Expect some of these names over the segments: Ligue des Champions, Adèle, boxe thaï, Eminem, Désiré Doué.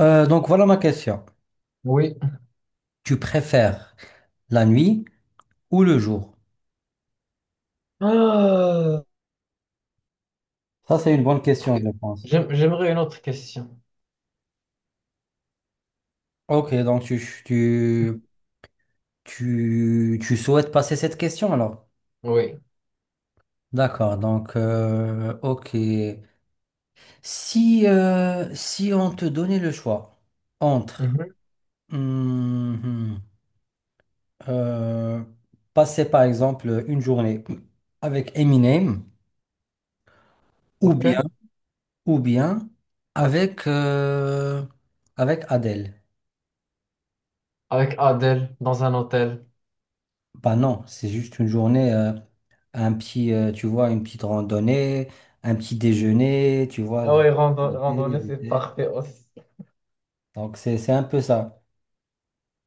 Donc voilà ma question. Oui. Tu préfères la nuit ou le jour? Ah, Ça, c'est une bonne question, je pense. J'aimerais une autre question. Ok, donc tu, tu souhaites passer cette question alors? Oui. D'accord, donc ok. Si, si on te donnait le choix entre Mhm. hum, euh, passer par exemple une journée avec Eminem ou bien, OK. ou bien avec, avec Adele. Avec Adèle dans un hôtel. Bah non, c'est juste une journée, un petit, tu vois, une petite randonnée, un petit déjeuner, tu vois. Ah Vous- oui, goûter, randonnée, c'est goûter. parfait aussi. Donc c'est un peu ça.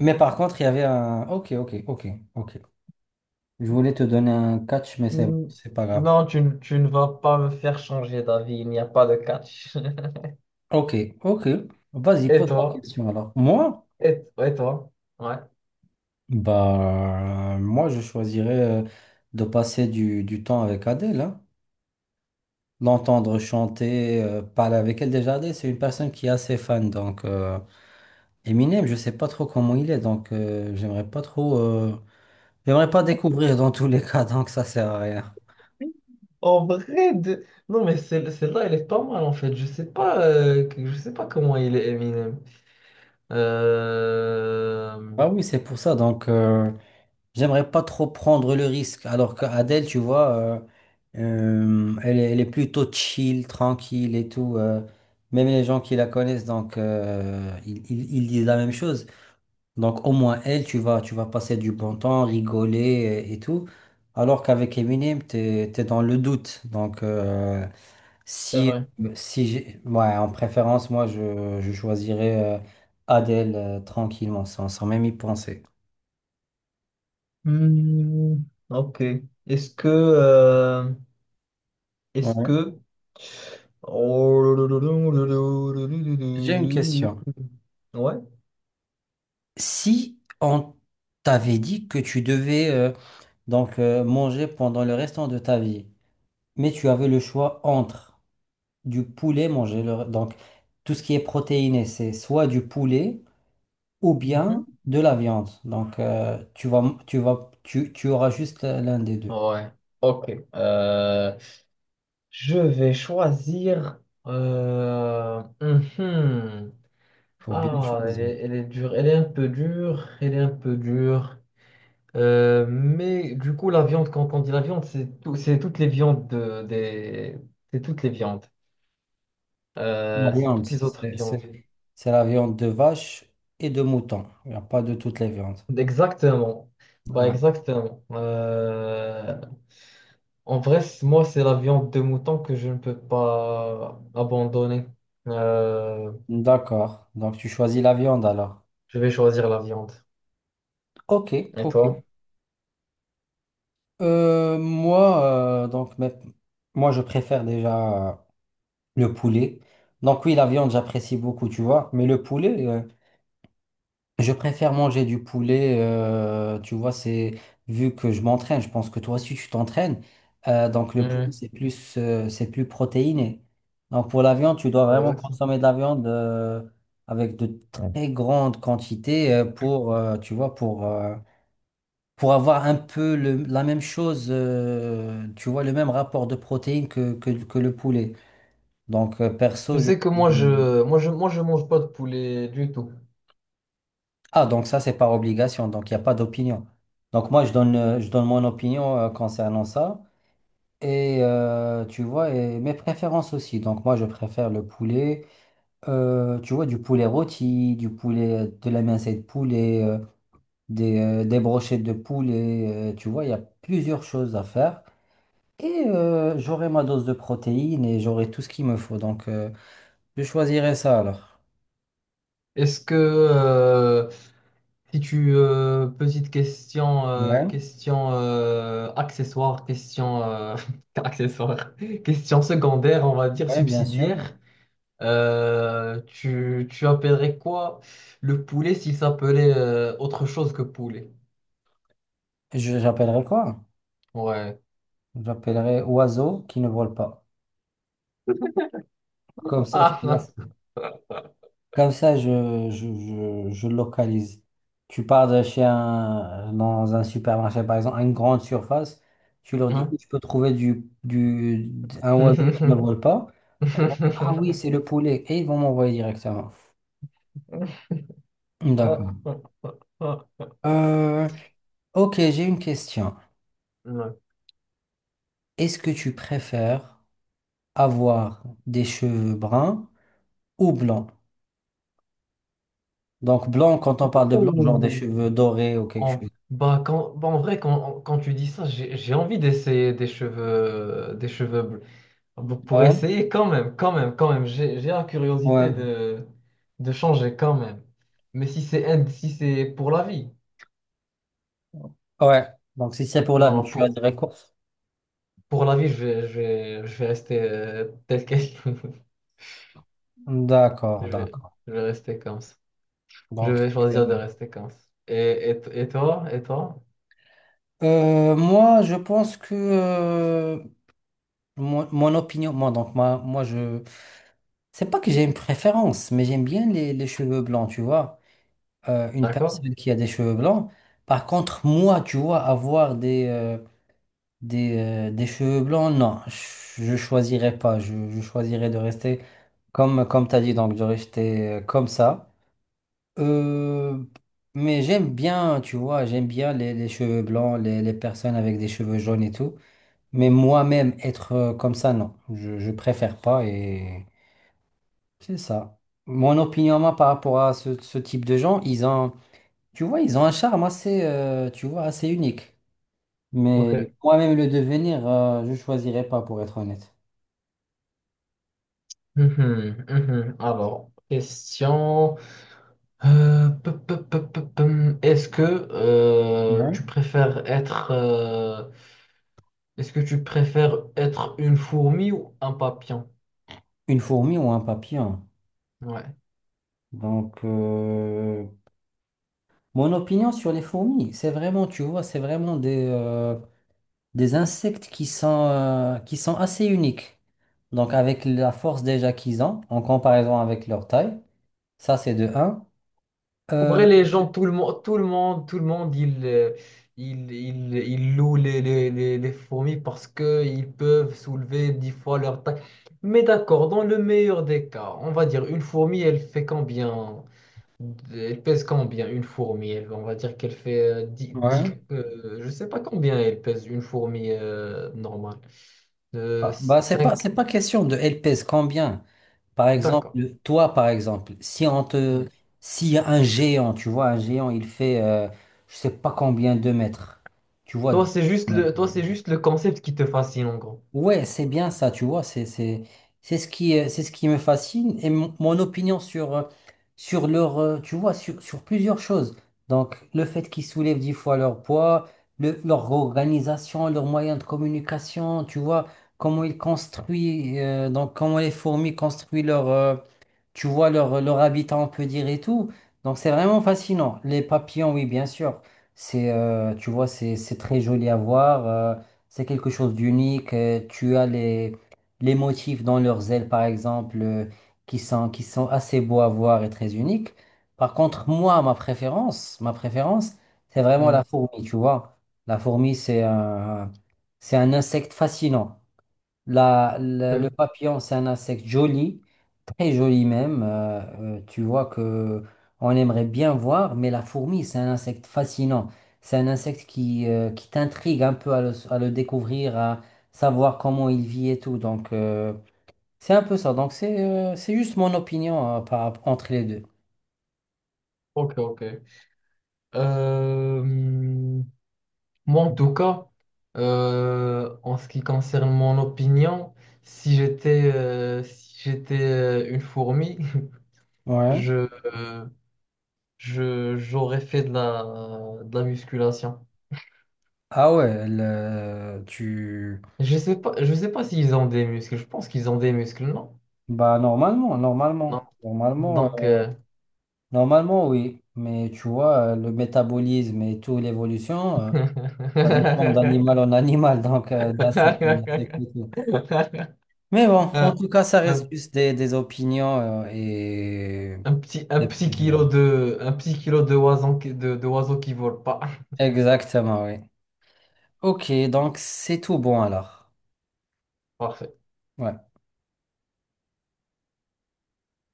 Mais par contre, il y avait un... Ok. Je voulais te donner un catch, mais c'est bon, Hmm, c'est pas grave. non, tu ne vas pas me faire changer d'avis, il n'y a pas de catch. Ok, ok. Vas-y, Et pose la toi? question alors. Moi? Et toi? Ouais. Bah, moi, je choisirais de passer du temps avec Adèle, hein. L'entendre chanter, parler avec elle. Déjà, Adèle, c'est une personne qui est assez fan, donc... Eminem, je sais pas trop comment il est, donc j'aimerais pas trop, j'aimerais pas découvrir dans tous les cas, donc ça sert à rien. En vrai, non, mais celle-là, elle est pas mal en fait. Je sais pas, je sais pas comment il est Eminem. Euh, Euh, Ah oui, c'est pour ça, donc j'aimerais pas trop prendre le risque. Alors qu'Adèle, tu vois, elle est plutôt chill, tranquille et tout. Même les gens qui la connaissent, donc ils disent la même chose. Donc au moins elle, tu vas passer du bon temps, rigoler et tout. Alors qu'avec Eminem, t'es dans le doute, donc. C'est Si, vrai. si j'ai- ouais, en préférence, moi, je choisirais Adèle tranquillement, sans même y penser. Hmm, ok. Est-ce que, euh, est-ce Ouais. que, Oh, J'ai une question. ouais. Si on t'avait dit que tu devais donc manger pendant le restant de ta vie, mais tu avais le choix entre du poulet manger, le- donc tout ce qui est protéiné, c'est soit du poulet ou Mhm. bien de la viande. Donc tu auras juste l'un des deux. Ouais. Ok. Euh, je vais choisir. Mhm. Faut bien Ah, elle choisir. est, elle est dure. Elle est un peu dure. Elle est un peu dure. Mais du coup, la viande, quand on dit la viande, c'est c'est toutes les viandes c'est toutes les viandes. La C'est viande, toutes les autres viandes. C'est la viande de vache et de mouton. Il n'y a pas de toutes les viandes. Exactement. Bah Ouais. exactement. En vrai, moi, c'est la viande de mouton que je ne peux pas abandonner. Euh, D'accord. Donc, tu choisis la viande alors. je vais choisir la viande. Ok, Et ok. toi? Moi, donc, moi, je préfère déjà le poulet. Donc, oui, la viande, j'apprécie beaucoup, tu vois. Mais le poulet, je préfère manger du poulet, tu vois, c'est vu que je m'entraîne, je pense que toi aussi tu t'entraînes. Donc le poulet, Mhm. C'est plus protéiné. Donc pour la viande, tu dois Ouais, vraiment exactement. consommer de la viande avec de Ouais. très grandes quantités pour, tu vois, pour avoir un peu le- la même chose, tu vois, le même rapport de protéines que le poulet. Donc Je perso, je... sais que moi, je mange pas de poulet du tout. Ah, donc ça, c'est par obligation, donc il n'y a pas d'opinion. Donc moi, je donne mon opinion concernant ça. Et tu vois, et mes préférences aussi. Donc moi, je préfère le poulet, tu vois, du poulet rôti, du poulet, de la mincée de poulet, des brochettes de poulet. Tu vois, il y a plusieurs choses à faire. Et j'aurai ma dose de protéines et j'aurai tout ce qu'il me faut. Donc je choisirai ça alors. Est-ce que, euh, Si tu petite question Ouais, question accessoire question accessoire question secondaire, on va dire ouais, bien sûr. subsidiaire. Tu appellerais quoi le poulet s'il s'appelait autre chose que poulet? J'appellerai quoi? Ouais. J'appellerai oiseau qui ne vole pas. Comme ça, tu vois, Ah c'est- Comme ça, je localise. Tu pars de chez un, dans un supermarché, par exemple, à une grande surface, tu leur dis, non. je peux trouver du un oiseau qui ne vole pas. Ils vont dire, ah oui, c'est le poulet. Et ils vont m'envoyer directement. Ah, D'accord. ah, ah. Euh, ok, j'ai une question. Ouais. Est-ce que tu préfères avoir des cheveux bruns ou blancs? Donc blanc quand on parle de blanc genre des Ouh. cheveux dorés ou quelque chose. Bah, bah, en vrai, quand tu dis ça, j'ai envie d'essayer des cheveux, des cheveux. Donc pour Ouais, essayer quand même, quand même, quand même, j'ai la ouais, curiosité de changer quand même. Mais si c'est si c'est pour la vie, ouais. Donc si c'est pour la non, vie, non, tu as pour, des courses. pour la vie, je vais rester tel quel. Je D'accord, vais, d'accord. je vais rester comme ça. Je Donc vais tu- choisir de rester comme ça. Et toi? Moi, je pense que mon opinion, moi, donc moi, c'est pas que j'ai une préférence, mais j'aime bien les cheveux blancs, tu vois. Une D'accord? personne qui a des cheveux blancs. Par contre, moi, tu vois, avoir des, des, des cheveux blancs, non, je choisirais pas. Je choisirais de rester comme, comme tu as dit, donc de rester comme ça. Euh, mais j'aime bien, tu vois, j'aime bien les cheveux blancs, les personnes avec des cheveux jaunes et tout. Mais moi-même, être comme ça, non, je préfère pas et c'est ça. Mon opinion, moi, par rapport à ce, ce type de gens, ils ont, tu vois, ils ont un charme assez, tu vois, assez unique. Mais Ok. moi-même le devenir, je choisirais pas pour être honnête. Mhm, mhm. Alors, question. Euh, pe- pe- pe- pe- pe- Est-ce que euh, Ouais. tu préfères être... euh, Est-ce que tu préfères être une fourmi ou un papillon? Une fourmi ou un papillon. Ouais. Donc, mon opinion sur les fourmis, c'est vraiment, tu vois, c'est vraiment des insectes qui sont assez uniques. Donc, avec la force déjà qu'ils ont, en comparaison avec leur taille, ça c'est de un. En Euh, vrai, les gens, tout le monde, tout le monde, tout le monde, ils louent les fourmis parce qu'ils peuvent soulever 10 fois leur taille. Mais d'accord, dans le meilleur des cas, on va dire une fourmi, elle fait combien? Elle pèse combien une fourmi? On va dire qu'elle fait 10, Ouais. Je sais pas combien elle pèse une fourmi normale. Euh, bah, 5. c'est pas question de elles pèsent combien. Par exemple, D'accord. toi, par exemple, si on te, Hmm. si un géant, tu vois, un géant, il fait, je sais pas combien de mètres, tu vois. deux Toi, c'est juste mètres. le, toi, c'est juste le concept qui te fascine, en gros. Ouais, c'est bien ça, tu vois, c'est ce qui me fascine et mon opinion sur, sur leur, tu vois, sur, sur plusieurs choses. Donc, le fait qu'ils soulèvent 10 fois leur poids, leur organisation, leurs moyens de communication, tu vois, comment ils construisent, donc comment les fourmis construisent leur tu vois leur habitat, on peut dire, et tout. Donc c'est vraiment fascinant. Les papillons, oui, bien sûr. C'est, tu vois, c'est très joli à voir. C'est quelque chose d'unique. Tu as les motifs dans leurs ailes, par exemple, qui sont assez beaux à voir et très uniques. Par contre, moi, ma préférence, c'est vraiment Hmm, la fourmi, tu vois. La fourmi, c'est un insecte fascinant. Le le papillon, c'est un insecte joli, très joli même. Tu vois que on aimerait bien voir, mais la fourmi, c'est un insecte fascinant. C'est un insecte qui t'intrigue un peu à le découvrir, à savoir comment il vit et tout. Donc, c'est un peu ça. Donc, c'est juste mon opinion par, entre les deux. ok, ok. Ok. Euh, moi, en tout cas, en ce qui concerne mon opinion, si j'étais une fourmi, Ouais. je, euh, je, j'aurais fait de la musculation. Ah ouais, le- tu... Je sais pas s'ils ont des muscles. Je pense qu'ils ont des muscles, non? Bah, normalement, Non. normalement. Normalement. Donc, Normalement, oui, mais tu vois, le métabolisme et toute l'évolution, ça dépend d'animal en animal, donc d'insecte en insecte et tout. Mais bon, en un, tout cas, ça reste un juste des opinions et Un petit, un des petit kilo préférences. de, un petit kilo de oiseau, de oiseau qui vole pas. Exactement, oui. Ok, donc c'est tout bon alors. Parfait. Ouais.